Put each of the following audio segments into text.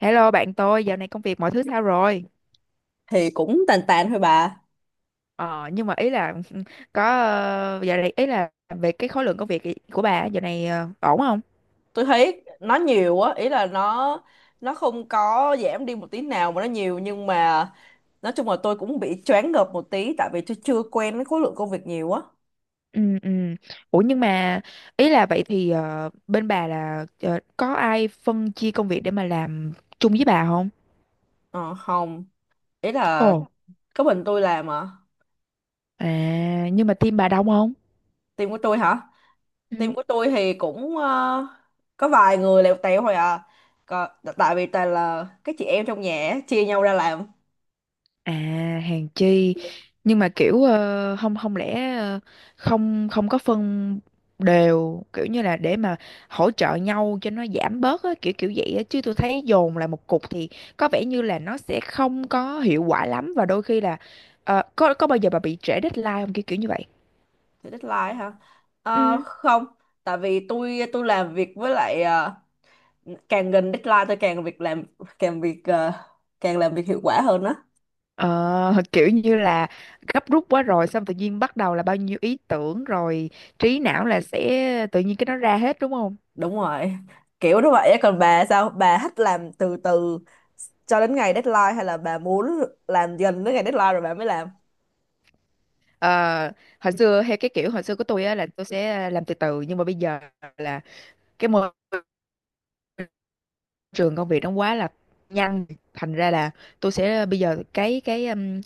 Hello bạn tôi, dạo này công việc mọi thứ sao rồi? Thì cũng tàn tàn thôi bà. Ờ, nhưng mà ý là có dạo này ý là về cái khối lượng công việc của bà á, dạo này ổn không? Tôi thấy nó nhiều á, ý là nó không có giảm đi một tí nào mà nó nhiều, nhưng mà nói chung là tôi cũng bị choáng ngợp một tí, tại vì tôi chưa quen với khối lượng công việc nhiều á. Ừ, ừ. Ủa nhưng mà ý là vậy thì bên bà là có ai phân chia công việc để mà làm chung với bà không? Ờ không, ý Ồ, là có mình tôi làm à. à nhưng mà team bà đông không? Team của tôi hả? Team Ừ. của tôi thì cũng có vài người lèo tèo thôi à. Còn, tại vì toàn là các chị em trong nhà á, chia nhau ra làm. À hàng chi nhưng mà kiểu không không lẽ không không có phân đều kiểu như là để mà hỗ trợ nhau cho nó giảm bớt á, kiểu kiểu vậy á chứ tôi thấy dồn lại một cục thì có vẻ như là nó sẽ không có hiệu quả lắm và đôi khi là có bao giờ bà bị trễ deadline không kiểu kiểu như vậy. Thì deadline hả? Ờ, Ừ. không, tại vì tôi làm việc với lại càng gần deadline tôi càng việc làm càng việc ờ, càng làm việc hiệu quả hơn á. Ờ, kiểu như là gấp rút quá rồi xong tự nhiên bắt đầu là bao nhiêu ý tưởng rồi trí não là sẽ tự nhiên cái nó ra hết đúng không? Đúng rồi, kiểu như vậy á. Còn bà sao, bà thích làm từ từ cho đến ngày deadline, hay là bà muốn làm dần đến ngày deadline rồi bà mới làm? Ờ, hồi xưa hay cái kiểu hồi xưa của tôi á là tôi sẽ làm từ từ nhưng mà bây giờ là cái môi trường công việc nó quá là nhanh, thành ra là tôi sẽ bây giờ cái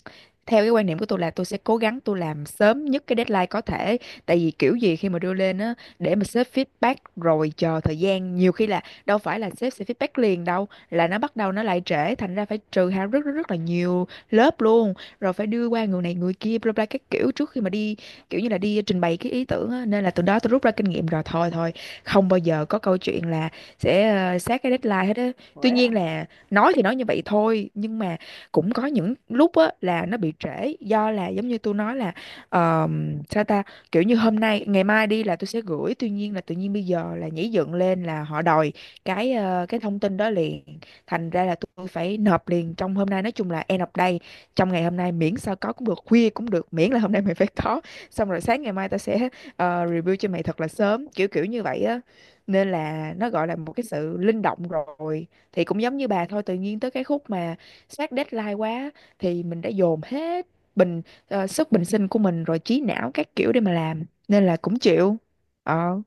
theo cái quan niệm của tôi là tôi sẽ cố gắng tôi làm sớm nhất cái deadline có thể, tại vì kiểu gì khi mà đưa lên á để mà sếp feedback rồi chờ thời gian nhiều khi là đâu phải là sếp sẽ feedback liền đâu, là nó bắt đầu nó lại trễ, thành ra phải trừ hao rất rất rất là nhiều lớp luôn, rồi phải đưa qua người này người kia bla bla các kiểu trước khi mà đi kiểu như là đi trình bày cái ý tưởng á. Nên là từ đó tôi rút ra kinh nghiệm rồi, thôi thôi không bao giờ có câu chuyện là sẽ sát cái deadline hết á. Tuy Vậy nhiên hả? là nói thì nói như vậy thôi nhưng mà cũng có những lúc á là nó bị trễ do là giống như tôi nói là sao ta, kiểu như hôm nay ngày mai đi là tôi sẽ gửi, tuy nhiên là tự nhiên bây giờ là nhảy dựng lên là họ đòi cái thông tin đó liền, thành ra là tôi phải nộp liền trong hôm nay, nói chung là end of day trong ngày hôm nay, miễn sao có cũng được, khuya cũng được, miễn là hôm nay mình phải có, xong rồi sáng ngày mai tao sẽ review cho mày thật là sớm kiểu kiểu như vậy á. Nên là nó gọi là một cái sự linh động rồi, thì cũng giống như bà thôi, tự nhiên tới cái khúc mà sát deadline quá thì mình đã dồn hết bình sức bình sinh của mình rồi, trí não các kiểu để mà làm, nên là cũng chịu ờ.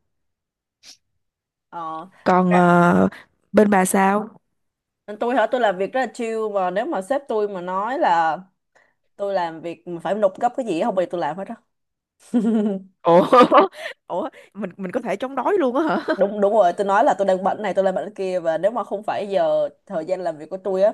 Ờ. Còn Dạ. Bên bà sao? Tôi hả? Tôi làm việc rất là chill, mà nếu mà sếp tôi mà nói là tôi làm việc mà phải nộp gấp cái gì á, không bao giờ tôi làm hết á. Ủa, ủa mình có thể chống đói luôn á hả? Đúng đúng rồi, tôi nói là tôi đang bận này, tôi đang bận kia, và nếu mà không phải giờ thời gian làm việc của tôi á,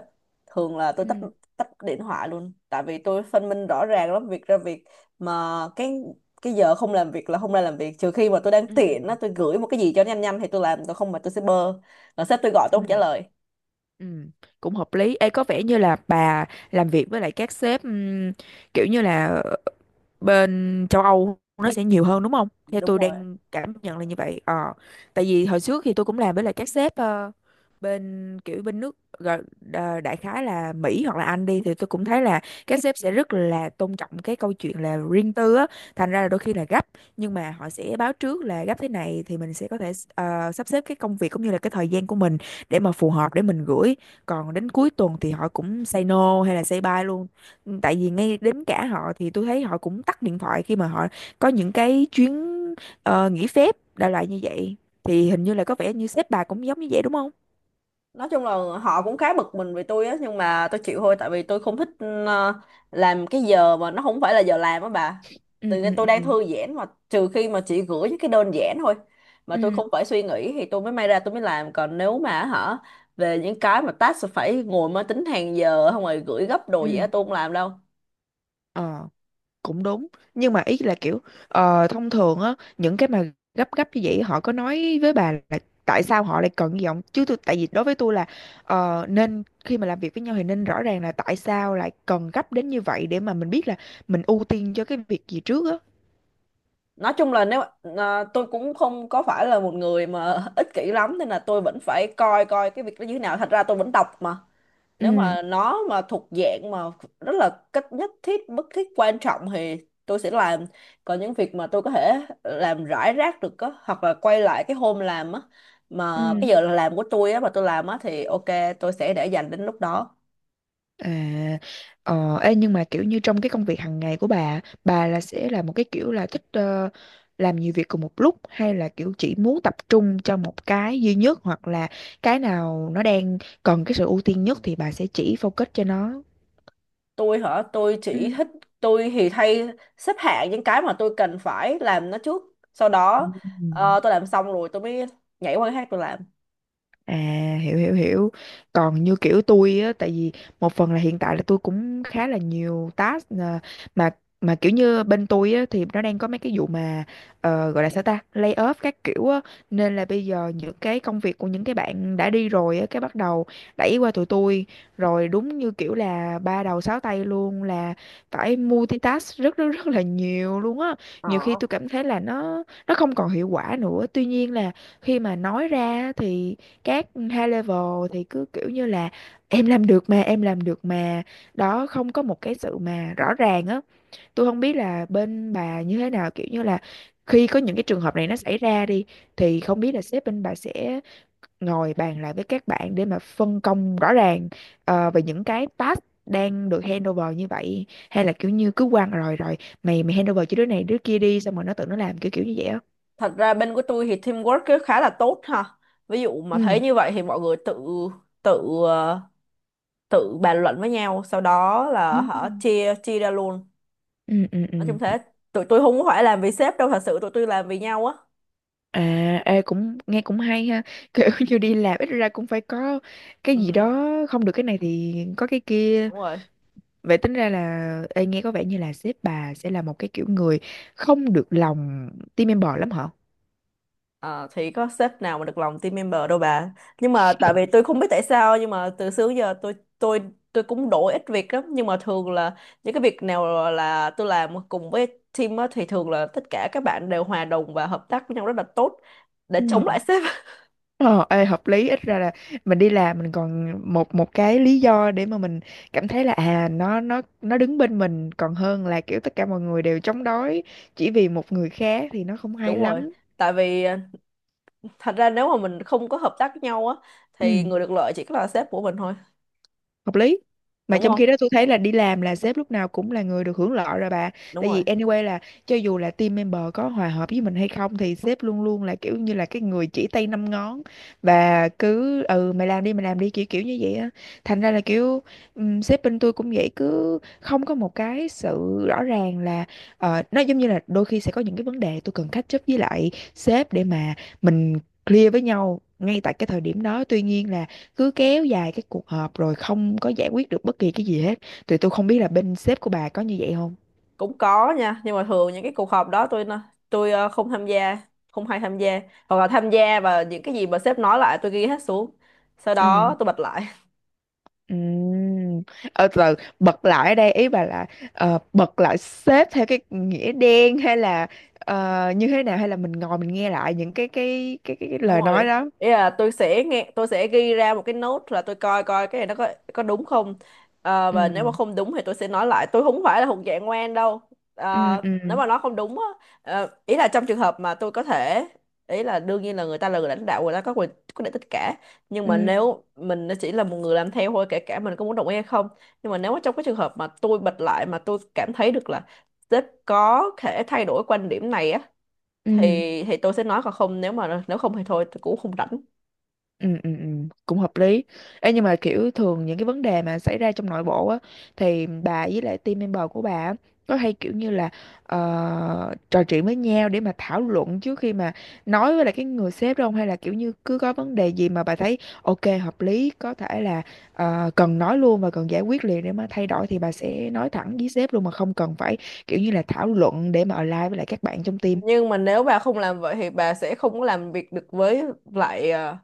thường là tôi tắt, Ừ. tắt điện thoại luôn, tại vì tôi phân minh rõ ràng lắm, việc ra việc. Mà cái giờ không làm việc là không ra làm việc, trừ khi mà tôi đang tiện Ừ. á, tôi gửi một cái gì cho nhanh nhanh thì tôi làm, tôi không, mà tôi sẽ bơ. Rồi sếp tôi gọi tôi không trả Ừ. lời. Ừ, cũng hợp lý. Ê, có vẻ như là bà làm việc với lại các sếp kiểu như là bên châu Âu nó sẽ nhiều hơn đúng không? Theo Đúng tôi rồi. đang cảm nhận là như vậy. Ờ, tại vì hồi trước thì tôi cũng làm với lại các sếp bên kiểu bên nước đại khái là Mỹ hoặc là Anh đi, thì tôi cũng thấy là các sếp sẽ rất là tôn trọng cái câu chuyện là riêng tư á, thành ra là đôi khi là gấp nhưng mà họ sẽ báo trước là gấp thế này thì mình sẽ có thể sắp xếp cái công việc cũng như là cái thời gian của mình để mà phù hợp để mình gửi. Còn đến cuối tuần thì họ cũng say no hay là say bye luôn. Ừ, tại vì ngay đến cả họ thì tôi thấy họ cũng tắt điện thoại khi mà họ có những cái chuyến nghỉ phép đại loại như vậy, thì hình như là có vẻ như sếp bà cũng giống như vậy đúng không? Nói chung là họ cũng khá bực mình về tôi á, nhưng mà tôi chịu thôi, tại vì tôi không thích ờ, làm cái giờ mà nó không phải là giờ làm á bà. Ừ. Tự Ừ. nhiên tôi đang Ừ. thư giãn, mà trừ khi mà chị gửi những cái đơn giản thôi, mà tôi Ừ. không phải suy nghĩ, thì tôi mới may ra tôi mới làm, còn nếu mà hả về những cái mà task phải ngồi máy tính hàng giờ không, rồi gửi gấp đồ gì á, Ừ. tôi không làm đâu. Ờ, cũng đúng. Nhưng mà ý là kiểu thông thường á, những cái mà gấp gấp như vậy họ có nói với bà là tại sao họ lại cần như vậy không? Chứ tôi, tại vì đối với tôi là nên khi mà làm việc với nhau thì nên rõ ràng là tại sao lại cần gấp đến như vậy, để mà mình biết là mình ưu tiên cho cái việc gì trước á. Nói chung là nếu tôi cũng không có phải là một người mà ích kỷ lắm, nên là tôi vẫn phải coi coi cái việc đó như thế nào, thật ra tôi vẫn đọc mà. Nếu Ừ. mà nó mà thuộc dạng mà rất là cách nhất thiết bất thiết quan trọng thì tôi sẽ làm. Còn những việc mà tôi có thể làm rải rác được á, hoặc là quay lại cái hôm làm á, mà cái Ừ. giờ làm của tôi á, mà tôi làm á, thì ok, tôi sẽ để dành đến lúc đó. À, ê, nhưng mà kiểu như trong cái công việc hàng ngày của bà là sẽ là một cái kiểu là thích làm nhiều việc cùng một lúc, hay là kiểu chỉ muốn tập trung cho một cái duy nhất, hoặc là cái nào nó đang cần cái sự ưu tiên nhất thì bà sẽ chỉ focus cho nó. Tôi hả? Tôi chỉ Ừ. thích, tôi thì thay, xếp hạng những cái mà tôi cần phải làm nó trước, sau đó Ừ. Tôi làm xong rồi tôi mới nhảy qua cái khác tôi làm. À, hiểu hiểu hiểu. Còn như kiểu tôi á, tại vì một phần là hiện tại là tôi cũng khá là nhiều task à, Mà mà kiểu như bên tôi á thì nó đang có mấy cái vụ mà gọi là sao ta, lay off các kiểu á, nên là bây giờ những cái công việc của những cái bạn đã đi rồi á cái bắt đầu đẩy qua tụi tôi, rồi đúng như kiểu là ba đầu sáu tay luôn, là phải multitask rất rất rất là nhiều luôn á. Ờ. Nhiều khi tôi cảm thấy là nó không còn hiệu quả nữa. Tuy nhiên là khi mà nói ra thì các high level thì cứ kiểu như là em làm được mà, em làm được mà, đó không có một cái sự mà rõ ràng á, tôi không biết là bên bà như thế nào, kiểu như là khi có những cái trường hợp này nó xảy ra đi thì không biết là sếp bên bà sẽ ngồi bàn lại với các bạn để mà phân công rõ ràng về những cái task đang được handover như vậy, hay là kiểu như cứ quăng rồi rồi mày mày handover cho đứa này đứa kia đi, xong rồi nó tự nó làm kiểu kiểu như vậy á. Thật ra bên của tôi thì teamwork cứ khá là tốt ha. Ví dụ mà thấy Ừ. như vậy thì mọi người tự tự ờ, tự bàn luận với nhau, sau đó Ừ. là họ chia chia ra luôn. Ừ. Ừ. Ừ. Nói chung thế. Tụi tôi không có phải làm vì sếp đâu, thật sự tụi tôi làm vì nhau á. À, ê, cũng nghe cũng hay ha, kiểu như đi làm ít ra cũng phải có cái gì Ừ, đó, không được cái này thì có cái kia. đúng rồi. Vậy tính ra là, ê, nghe có vẻ như là sếp bà sẽ là một cái kiểu người không được lòng team member lắm hả? Ờ, thì có sếp nào mà được lòng team member đâu bà. Nhưng mà tại vì tôi không biết tại sao, nhưng mà từ xưa đến giờ tôi cũng đổi ít việc lắm, nhưng mà thường là những cái việc nào là tôi làm cùng với team á, thì thường là tất cả các bạn đều hòa đồng và hợp tác với nhau rất là tốt để Ừ. chống lại sếp. Ờ ê, hợp lý, ít ra là mình đi làm mình còn một một cái lý do để mà mình cảm thấy là à nó đứng bên mình, còn hơn là kiểu tất cả mọi người đều chống đối chỉ vì một người khác thì nó không Đúng hay rồi, lắm. tại vì thật ra nếu mà mình không có hợp tác với nhau á, thì Ừ. người được lợi chỉ có là sếp của mình thôi. Hợp lý, mà Đúng trong khi không? đó tôi thấy là đi làm là sếp lúc nào cũng là người được hưởng lợi rồi bà. Đúng Tại rồi. vì anyway là cho dù là team member có hòa hợp với mình hay không thì sếp luôn luôn là kiểu như là cái người chỉ tay năm ngón và cứ ừ mày làm đi kiểu kiểu như vậy á, thành ra là kiểu sếp bên tôi cũng vậy, cứ không có một cái sự rõ ràng là nó giống như là đôi khi sẽ có những cái vấn đề tôi cần catch up với lại sếp để mà mình clear với nhau ngay tại cái thời điểm đó, tuy nhiên là cứ kéo dài cái cuộc họp rồi không có giải quyết được bất kỳ cái gì hết, thì tôi không biết là bên sếp của bà có như vậy không. Cũng có nha, nhưng mà thường những cái cuộc họp đó tôi không tham gia, không hay tham gia, hoặc là tham gia và những cái gì mà sếp nói lại tôi ghi hết xuống, sau đó Ừ. tôi bật lại. Ừ. Ờ từ từ, bật lại ở đây ý bà là bật lại sếp theo cái nghĩa đen, hay là như thế nào, hay là mình ngồi mình nghe lại những cái Đúng lời rồi, nói đó. ý là tôi sẽ nghe, tôi sẽ ghi ra một cái note, là tôi coi coi cái này nó có đúng không. Ờ, và nếu mà Ừ. không đúng thì tôi sẽ nói lại, tôi không phải là thuộc dạng ngoan đâu. Ừ. Ờ, nếu Ừ. mà nó không đúng á, ý là trong trường hợp mà tôi có thể, ý là đương nhiên là người ta là người lãnh đạo, người ta có quyền quyết định tất cả, nhưng mà Ừ. nếu mình chỉ là một người làm theo thôi, kể cả mình có muốn đồng ý hay không, nhưng mà nếu mà trong cái trường hợp mà tôi bật lại mà tôi cảm thấy được là sếp có thể thay đổi quan điểm này á, thì Ừ. thì tôi sẽ nói, còn không, nếu mà nếu không thì thôi, tôi cũng không rảnh. Ừ, ừ, ừ, cũng hợp lý. Ê, nhưng mà kiểu thường những cái vấn đề mà xảy ra trong nội bộ á thì bà với lại team member của bà á, có hay kiểu như là trò chuyện với nhau để mà thảo luận trước khi mà nói với lại cái người sếp đó không, hay là kiểu như cứ có vấn đề gì mà bà thấy ok hợp lý có thể là cần nói luôn và cần giải quyết liền để mà thay đổi thì bà sẽ nói thẳng với sếp luôn mà không cần phải kiểu như là thảo luận để mà align với lại các bạn trong team. Nhưng mà nếu bà không làm vậy thì bà sẽ không có làm việc được với lại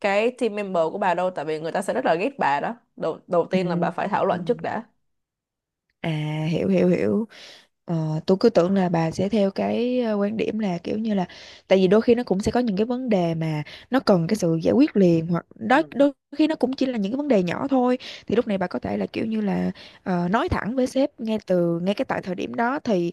cái team member của bà đâu, tại vì người ta sẽ rất là ghét bà đó. Đầu đầu tiên là bà phải thảo luận trước Ừ. đã. À, hiểu hiểu hiểu. ờ, tôi cứ tưởng là bà sẽ theo cái quan điểm là kiểu như là tại vì đôi khi nó cũng sẽ có những cái vấn đề mà nó cần cái sự giải quyết liền hoặc đó Ừ. đôi khi nó cũng chỉ là những cái vấn đề nhỏ thôi, thì lúc này bà có thể là kiểu như là nói thẳng với sếp ngay từ ngay cái tại thời điểm đó. thì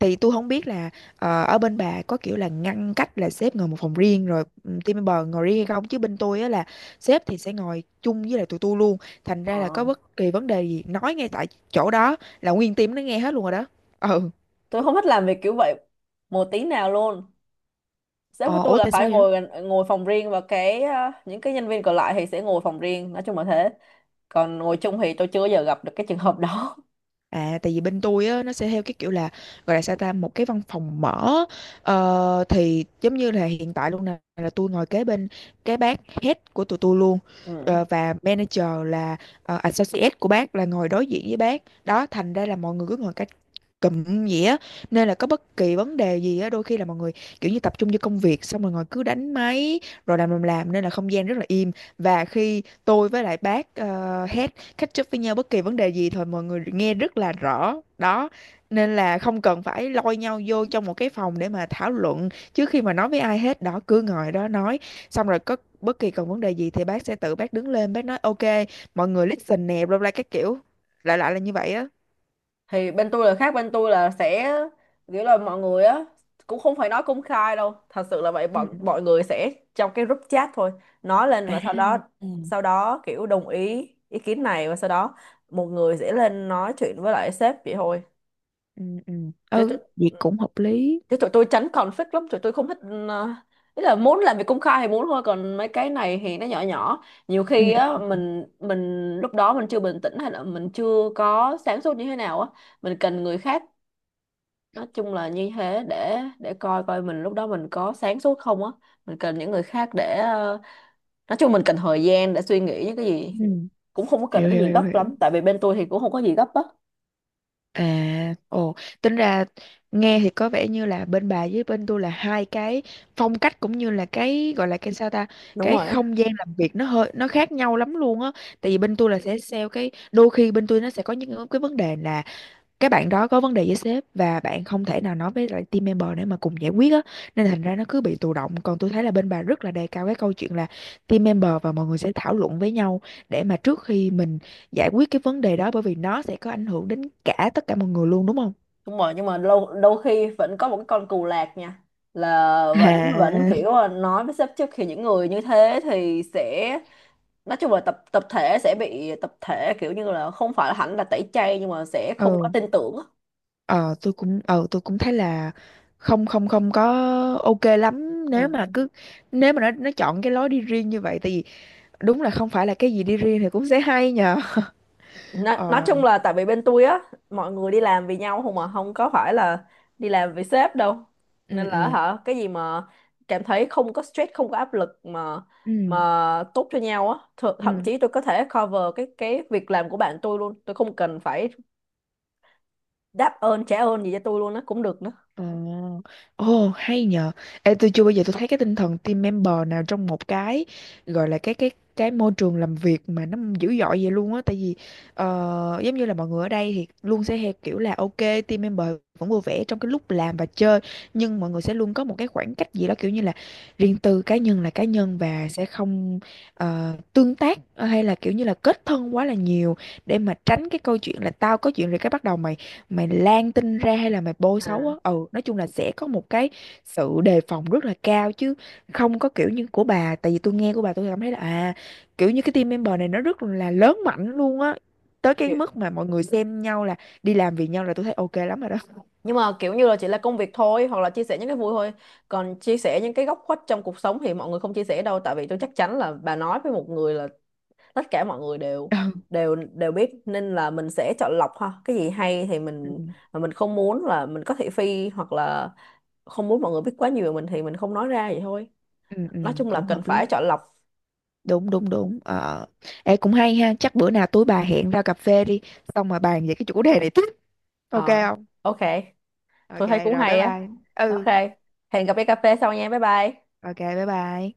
thì tôi không biết là ở bên bà có kiểu là ngăn cách là sếp ngồi một phòng riêng rồi, ừ, team member ngồi riêng hay không, chứ bên tôi á là sếp thì sẽ ngồi chung với lại tụi tôi luôn. Thành ra là có Ờ. bất kỳ vấn đề gì nói ngay tại chỗ đó là nguyên team nó nghe hết luôn rồi đó. Ừ, Tôi không thích làm việc kiểu vậy một tí nào luôn. Sếp của ờ, tôi ủa là tại phải sao vậy? Ngồi phòng riêng, và cái những cái nhân viên còn lại thì sẽ ngồi phòng riêng, nói chung là thế. Còn ngồi chung thì tôi chưa bao giờ gặp được cái trường hợp đó. À, tại vì bên tôi á, nó sẽ theo cái kiểu là gọi là sao ta, một cái văn phòng mở. Ờ, thì giống như là hiện tại luôn nè, là tôi ngồi kế bên cái bác head của tụi tôi luôn. Ờ, và manager là associate của bác là ngồi đối diện với bác đó, thành ra là mọi người cứ ngồi cách cụm vậy á, nên là có bất kỳ vấn đề gì á đôi khi là mọi người kiểu như tập trung vô công việc xong rồi ngồi cứ đánh máy rồi làm, nên là không gian rất là im. Và khi tôi với lại bác uh, catch up với nhau bất kỳ vấn đề gì thôi mọi người nghe rất là rõ đó, nên là không cần phải lôi nhau vô trong một cái phòng để mà thảo luận trước khi mà nói với ai hết đó, cứ ngồi đó nói. Xong rồi có bất kỳ còn vấn đề gì thì bác sẽ tự bác đứng lên bác nói ok, mọi người listen nè, bla bla các kiểu, lại lại là như vậy á. Thì bên tôi là khác, bên tôi là sẽ kiểu là mọi người á cũng không phải nói công khai đâu, thật sự là vậy, bọn Ừ. mọi người sẽ trong cái group chat thôi nói lên, À, và sau đó ừ sau đó kiểu đồng ý ý kiến này, và sau đó một người sẽ lên nói chuyện với lại sếp, vậy thôi. ừ ừ, chứ tụi, ừ, vậy cũng hợp lý. Chứ tụi tôi tránh conflict lắm, tụi tôi không thích, ờ, ý là muốn làm việc công khai thì muốn thôi, còn mấy cái này thì nó nhỏ nhỏ, nhiều Ừ khi ừ á mình lúc đó mình chưa bình tĩnh, hay là mình chưa có sáng suốt như thế nào á, mình cần người khác, nói chung là như thế, để coi coi mình lúc đó mình có sáng suốt không á. Mình cần những người khác để nói chung mình cần thời gian để suy nghĩ những cái gì. ừ. Cũng không có cần Hiểu cái hiểu gì hiểu gấp hiểu. lắm, tại vì bên tôi thì cũng không có gì gấp á. À, ồ, tính ra nghe thì có vẻ như là bên bà với bên tôi là hai cái phong cách, cũng như là cái gọi là cái sao ta, Đúng cái rồi. không gian làm việc nó hơi nó khác nhau lắm luôn á. Tại vì bên tôi là sẽ sell cái đôi khi bên tôi nó sẽ có những cái vấn đề là cái bạn đó có vấn đề với sếp và bạn không thể nào nói với lại team member để mà cùng giải quyết á, nên thành ra nó cứ bị tù động. Còn tôi thấy là bên bà rất là đề cao cái câu chuyện là team member và mọi người sẽ thảo luận với nhau để mà trước khi mình giải quyết cái vấn đề đó, bởi vì nó sẽ có ảnh hưởng đến cả tất cả mọi người luôn, đúng không? Đúng rồi, nhưng mà lâu đôi khi vẫn có một cái con cù lạc nha, là vẫn vẫn À, kiểu là nói với sếp trước, thì những người như thế thì sẽ, nói chung là tập tập thể sẽ bị tập thể, kiểu như là không phải là hẳn là tẩy chay, nhưng mà sẽ không có ừ, tin tưởng á. ờ tôi cũng tôi cũng thấy là không không không có ok lắm nếu Ừ. mà cứ nếu mà nó chọn cái lối đi riêng như vậy, tại vì đúng là không phải là cái gì đi riêng thì cũng sẽ hay nhờ. Nói Ờ, chung là tại vì bên tôi á, mọi người đi làm vì nhau không, mà không có phải là đi làm vì sếp đâu. Nên ừ là ừ hả, cái gì mà cảm thấy không có stress, không có áp lực mà ừ tốt cho nhau á, thậm ừ. chí tôi có thể cover cái việc làm của bạn tôi luôn, tôi không cần phải đáp ơn trả ơn gì cho tôi luôn á, cũng được nữa. Ồ, ồ, hay nhờ. Ê, tôi chưa bao giờ tôi thấy cái tinh thần team member nào trong một cái gọi là cái cái môi trường làm việc mà nó dữ dội vậy luôn á. Tại vì giống như là mọi người ở đây thì luôn sẽ theo kiểu là ok, team member vẫn vui vẻ trong cái lúc làm và chơi, nhưng mọi người sẽ luôn có một cái khoảng cách gì đó kiểu như là riêng tư, cá nhân là cá nhân, và sẽ không tương tác hay là kiểu như là kết thân quá là nhiều, để mà tránh cái câu chuyện là tao có chuyện rồi cái bắt đầu mày mày lan tin ra hay là mày bôi xấu à á. Ừ, nói chung là sẽ có một cái sự đề phòng rất là cao, chứ không có kiểu như của bà. Tại vì tôi nghe của bà tôi cảm thấy là à, kiểu như cái team member này nó rất là lớn mạnh luôn á, tới cái kiểu- mức mà mọi người xem nhau là đi làm vì nhau, là tôi thấy ok lắm rồi đó. nhưng mà kiểu như là chỉ là công việc thôi, hoặc là chia sẻ những cái vui thôi, còn chia sẻ những cái góc khuất trong cuộc sống thì mọi người không chia sẻ đâu, tại vì tôi chắc chắn là bà nói với một người là tất cả mọi người đều Ừ đều đều biết, nên là mình sẽ chọn lọc ha, cái gì hay thì ừ mình, mà mình không muốn là mình có thị phi, hoặc là không muốn mọi người biết quá nhiều về mình thì mình không nói ra vậy thôi. ừ ừ, Nói chung là cũng cần hợp lý. phải chọn lọc. Đúng đúng đúng. Ờ, ê cũng hay ha, chắc bữa nào tối bà hẹn ra cà phê đi, xong mà bàn về cái chủ đề này tiếp, ok Ờ, không? ok. Ok. Tôi thấy cũng Rồi bye hay á. bye. Ok, Ừ, hẹn gặp đi cà phê sau nha, bye bye. ok, bye bye.